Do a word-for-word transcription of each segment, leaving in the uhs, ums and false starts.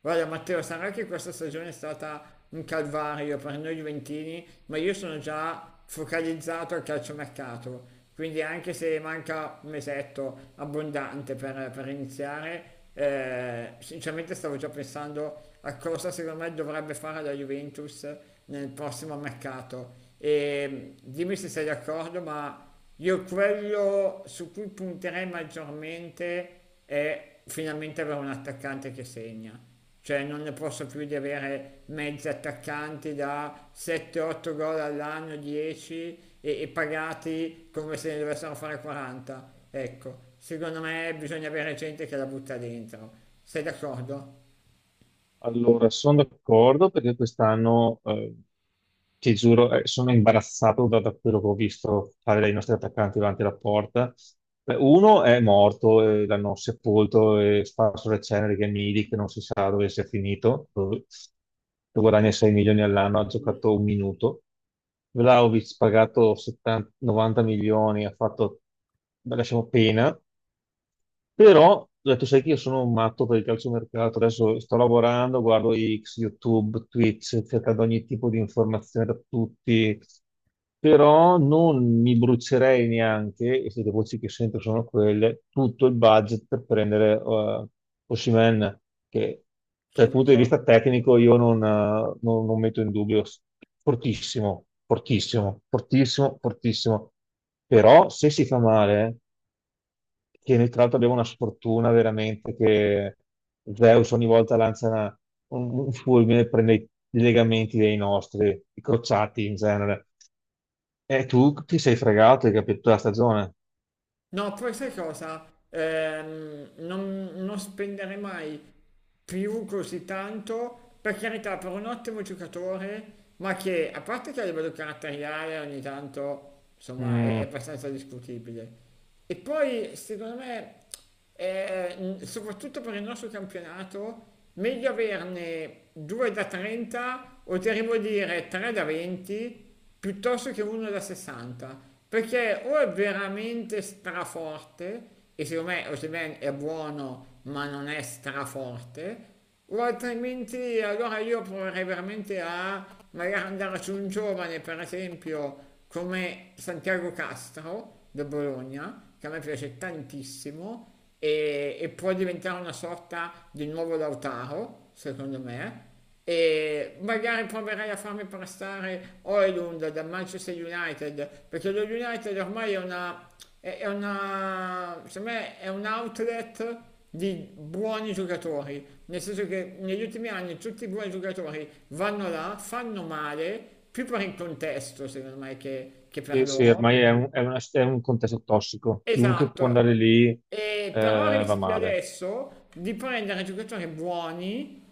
Guarda Matteo, sarà che questa stagione è stata un calvario per noi Juventini, ma io sono già focalizzato al calciomercato, quindi anche se manca un mesetto abbondante per, per iniziare, eh, sinceramente stavo già pensando a cosa secondo me dovrebbe fare la Juventus nel prossimo mercato. E mm, dimmi se sei d'accordo, ma io quello su cui punterei maggiormente è finalmente avere un attaccante che segna. Cioè non ne posso più di avere mezzi attaccanti da sette otto gol all'anno, dieci e, e pagati come se ne dovessero fare quaranta. Ecco, secondo me bisogna avere gente che la butta dentro. Sei d'accordo? Allora, sono d'accordo perché quest'anno, eh, ti giuro, eh, sono imbarazzato da, da quello che ho visto fare dai nostri attaccanti davanti alla porta. Beh, uno è morto, eh, l'hanno sepolto e sparso le ceneri, che è Milik, che non si sa dove sia finito, dove, che guadagna sei milioni all'anno, ha Mm. giocato un minuto. Vlahovic pagato settanta novanta milioni, ha fatto, beh, lasciamo pena. Però ho detto, sai che io sono un matto per il calciomercato, adesso sto lavorando, guardo X, YouTube, Twitch, cercando ogni tipo di informazione da tutti, però non mi brucerei neanche, e se le voci che sento sono quelle, tutto il budget per prendere Osimen Osimhen, che dal Sono punto di vista d'accordo. tecnico io non, eh, non- non metto in dubbio, fortissimo, fortissimo, fortissimo, fortissimo, però se si fa male, che noi tra l'altro abbiamo una sfortuna veramente che Zeus ogni volta lancia una- un, un fulmine e prende i i legamenti dei nostri, i crociati in genere. E tu ti sei fregato, hai capito, la stagione. No, poi sai cosa? Ehm, non, non spendere mai più così tanto, per carità, per un ottimo giocatore, ma che a parte che a livello caratteriale ogni tanto, insomma, è, è Mm, abbastanza discutibile. E poi, secondo me, eh, mh, soprattutto per il nostro campionato, meglio averne due da trenta o ti arrivo a dire tre da venti piuttosto che uno da sessanta, perché o è veramente straforte, e secondo me Osimhen è buono ma non è straforte, o altrimenti allora io proverei veramente a magari andare su un giovane, per esempio, come Santiago Castro del Bologna, che a me piace tantissimo e, e può diventare una sorta di nuovo Lautaro, secondo me, e magari proverai a farmi prestare Oilund da Manchester United, perché lo United ormai è una, è è una, secondo me è un outlet di buoni giocatori, nel senso che negli ultimi anni tutti i buoni giocatori vanno là, fanno male, più per il contesto secondo me che, che per sì, sì, loro. ormai è un, è una- è un contesto tossico. Chiunque può Esatto. andare lì, eh, E però va rischia male. adesso di prendere giocatori buoni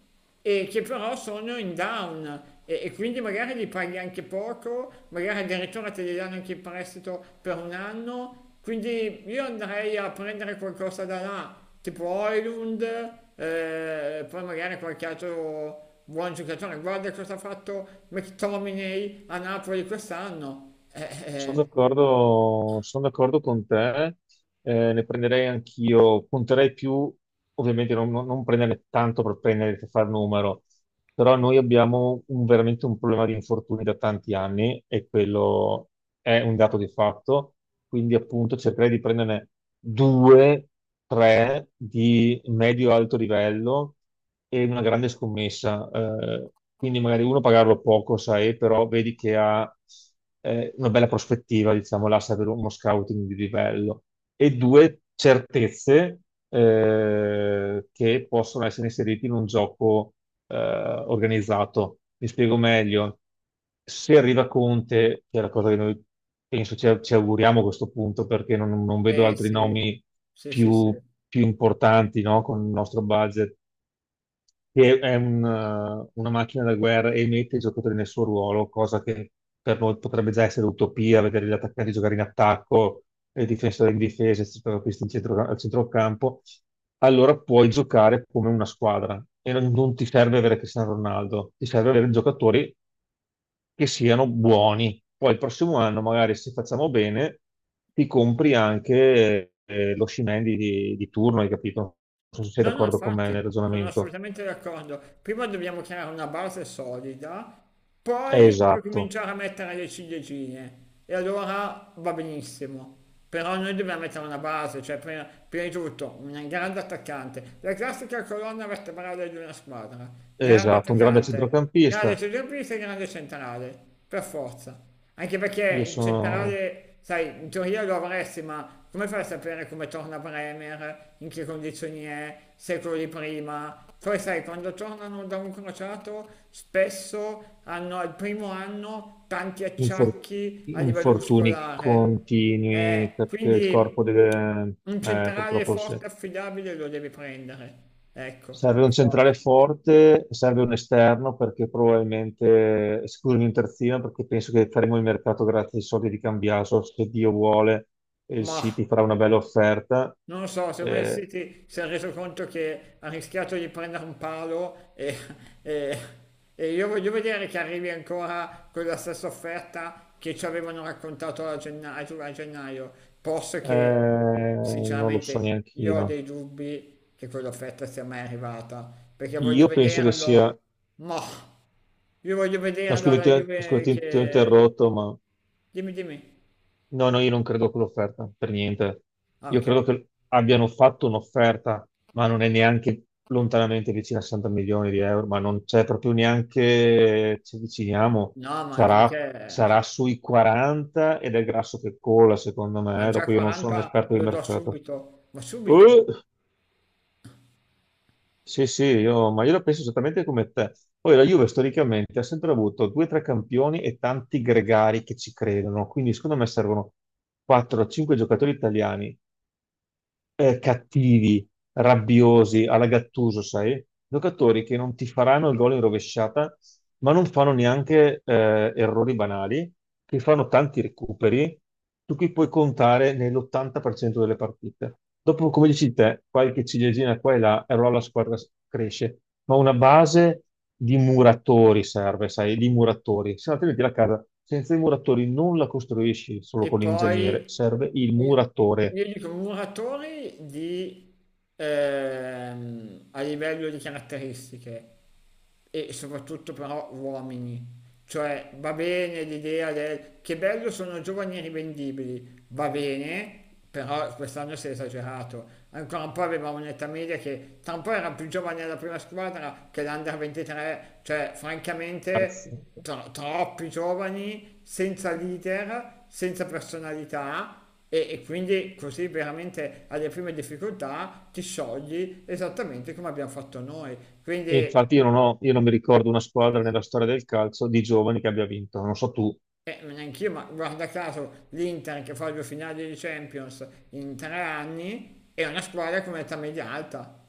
e che però sono in down e, e quindi magari li paghi anche poco, magari addirittura te li danno anche in prestito per un anno, quindi io andrei a prendere qualcosa da là, tipo Oilund, eh, poi magari qualche altro buon giocatore. Guarda cosa ha fatto McTominay a Napoli quest'anno. Sono Eh, d'accordo, sono d'accordo con te, eh, ne prenderei anch'io, punterei più, ovviamente non, non- non prenderne tanto per prendere, per far numero, però noi abbiamo un- veramente un problema di infortuni da tanti anni e quello è un dato di fatto, quindi appunto cercherei di prenderne due, tre di medio-alto livello e una grande scommessa. Eh, quindi magari uno pagarlo poco, sai, però vedi che ha, eh, una bella prospettiva, diciamo, là, sai, per uno scouting di livello. E due, certezze, eh, che possono essere inserite in un gioco eh, organizzato. Mi spiego meglio. Se arriva Conte, che è la cosa che noi penso ci, ci auguriamo a questo punto, perché non, non vedo eh, eh, altri sì, nomi sì, sì, sì. più, più importanti, no, con il nostro budget, che è un, eh, una macchina da guerra e mette i giocatori nel suo ruolo, cosa che per noi potrebbe già essere utopia, vedere gli attaccanti giocare in attacco, e i difensori in difesa, i centrocampisti in centro- al centrocampo, allora puoi giocare come una squadra e non, non ti serve avere Cristiano Ronaldo, ti serve avere giocatori che siano buoni. Poi il prossimo anno, magari se facciamo bene, ti compri anche, eh, lo Scimendi di, di turno, hai capito? Non so se sei No, no, d'accordo con me infatti, nel sono ragionamento. assolutamente d'accordo. Prima dobbiamo creare una base solida, Eh, poi puoi Esatto, cominciare a mettere le ciliegine e allora va benissimo. Però noi dobbiamo mettere una base, cioè prima, prima di tutto un grande attaccante, la classica colonna vertebrale di una squadra, grande esatto, un grande attaccante, grande centrocampista. centrocampista e grande centrale, per forza. Anche Io perché il sono centrale, sai, in teoria lo avresti, ma come fai a sapere come torna Bremer, in che condizioni è, secoli prima? Poi sai, quando tornano da un crociato, spesso hanno al primo anno tanti infor- acciacchi a livello infortuni muscolare. continui, Eh, perché il corpo quindi deve, un eh, centrale purtroppo forte, se- e affidabile lo devi prendere. Ecco, serve per un forza. centrale forte, serve un esterno, perché probabilmente, scusami, un terzino, perché penso che faremo il mercato grazie ai soldi di Cambiaso, se Dio vuole, e il Ma... City farà una bella offerta. Non lo so, secondo me il Eh, City si è reso conto che ha rischiato di prendere un palo e, e- e io voglio vedere che arrivi ancora con la stessa offerta che ci avevano raccontato a gennaio, a gennaio, posto che eh, non lo so sinceramente neanche io ho io. dei dubbi che quell'offerta sia mai arrivata, perché voglio Io penso che sia. vederlo, ma io voglio No, vederlo scusami, alla ti ho, scusa, Juve ti- ti ho che... interrotto, ma Dimmi, dimmi. no, no, io non credo a quell'offerta, per niente. Ah, Io credo ok. che abbiano fatto un'offerta, ma non è neanche lontanamente vicina a sessanta milioni di euro, ma non c'è proprio, neanche ci avviciniamo, No, ma anche sarà, perché, sarà cioè, sui quaranta ed è il grasso che cola, secondo ma me, già dopo io non sono un quaranta esperto di lo do mercato. subito, ma subito. Uh! Sì, sì, io, ma io la penso esattamente come te. Poi la Juve storicamente ha sempre avuto due o tre campioni e tanti gregari che ci credono, quindi secondo me servono quattro a cinque giocatori italiani, eh, cattivi, rabbiosi, alla Gattuso, sai? Giocatori che non ti faranno il gol in rovesciata, ma non fanno neanche, eh, errori banali, che fanno tanti recuperi, su cui puoi contare nell'ottanta per cento delle partite. Dopo, come dici te, qualche ciliegina qua e là, e allora la squadra s- cresce. Ma una base di muratori serve, sai, di muratori. Se no, altrimenti la casa senza i muratori non la costruisci solo E con l'ingegnere, poi serve il io muratore. io dico muratori di, ehm, a livello di caratteristiche e soprattutto però uomini. Cioè va bene l'idea del che bello sono giovani e rivendibili, va bene, però quest'anno si è esagerato. Ancora un po' aveva un'età media che tra un po' era più giovane della prima squadra che l'Under ventitré, cioè francamente Imbarazzante. Tro- troppi giovani, senza leader, senza personalità e, e quindi così veramente alle prime difficoltà ti sciogli esattamente come abbiamo fatto noi. Quindi E eh, infatti io non ho- io non mi ricordo una squadra nella storia del calcio di giovani che abbia vinto, non so tu, Neanche io, ma guarda caso l'Inter che fa due finali di Champions in tre anni è una squadra con età media alta.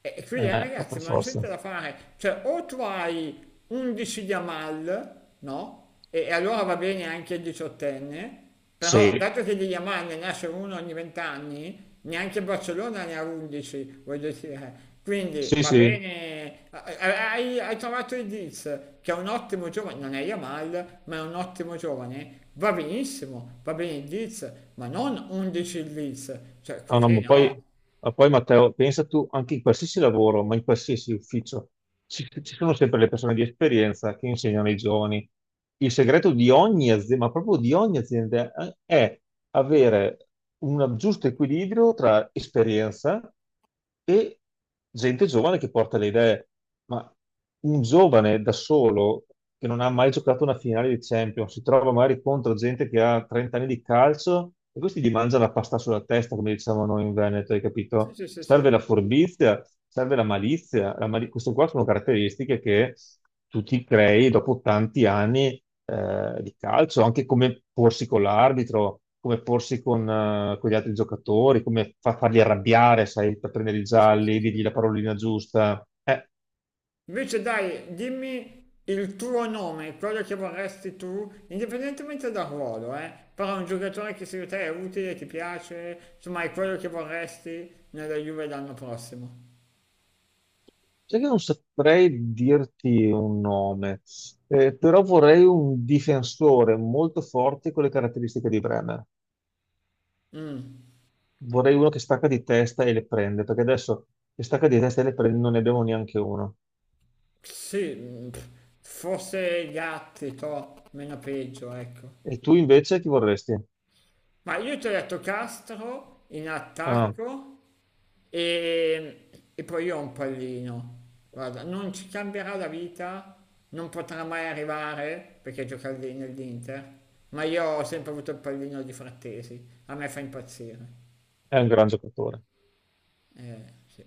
E e quindi eh, eh, ma ragazzi, per ma non c'è niente forza. da fare. Cioè, o tu hai undici di Amal, no? E, e allora va bene anche il diciottenne. Però Sì, dato che di Yamal ne nasce uno ogni vent'anni, neanche Barcellona ne ha undici, voglio dire. Quindi sì, va sì. bene, hai, hai trovato il Diz, che è un ottimo giovane, non è Yamal, ma è un ottimo giovane. Va benissimo, va bene il Diz, ma non undici il Diz, cioè No, no, così ma no. poi, ma poi, Matteo, pensa tu, anche in qualsiasi lavoro, ma in qualsiasi ufficio, ci, ci sono sempre le persone di esperienza che insegnano ai giovani. Il segreto di ogni azienda, ma proprio di ogni azienda, eh, è avere un giusto equilibrio tra esperienza e gente giovane che porta le idee. Ma un giovane da solo, che non ha mai giocato una finale di Champions, si trova magari contro gente che ha trenta anni di calcio, e questi gli mangiano la pasta sulla testa, come diciamo noi in Veneto, hai Sì, capito? sì, sì, sì, Serve la furbizia, serve la malizia. La mali- queste qua sono caratteristiche che tu ti crei dopo tanti anni eh, di calcio, anche come porsi con l'arbitro, come porsi con, eh, con gli altri giocatori, come fa- farli arrabbiare, sai, per prendere i sì, sì, sì. gialli, Sì. dirgli la parolina giusta. Eh, Invece dai, dimmi il tuo nome, quello che vorresti tu, indipendentemente dal ruolo, eh? Però un giocatore che secondo te è utile, ti piace, insomma è quello che vorresti nella Juve l'anno prossimo. sai che non saprei dirti un nome, eh, però vorrei un difensore molto forte con le caratteristiche di Bremer. Vorrei uno che stacca di testa e le prende, perché adesso, che stacca di testa e le prende, non ne abbiamo neanche uno. Sì, mm, pff, forse Gatti, to, meno peggio, ecco. E tu invece chi vorresti? Ma io ti ho detto Castro in Ah. attacco. E, e poi io ho un pallino. Guarda, non ci cambierà la vita, non potrà mai arrivare perché gioca lì nell'Inter, ma io ho sempre avuto il pallino di Frattesi, a me fa impazzire. È un gran giocatore. Eh, sì.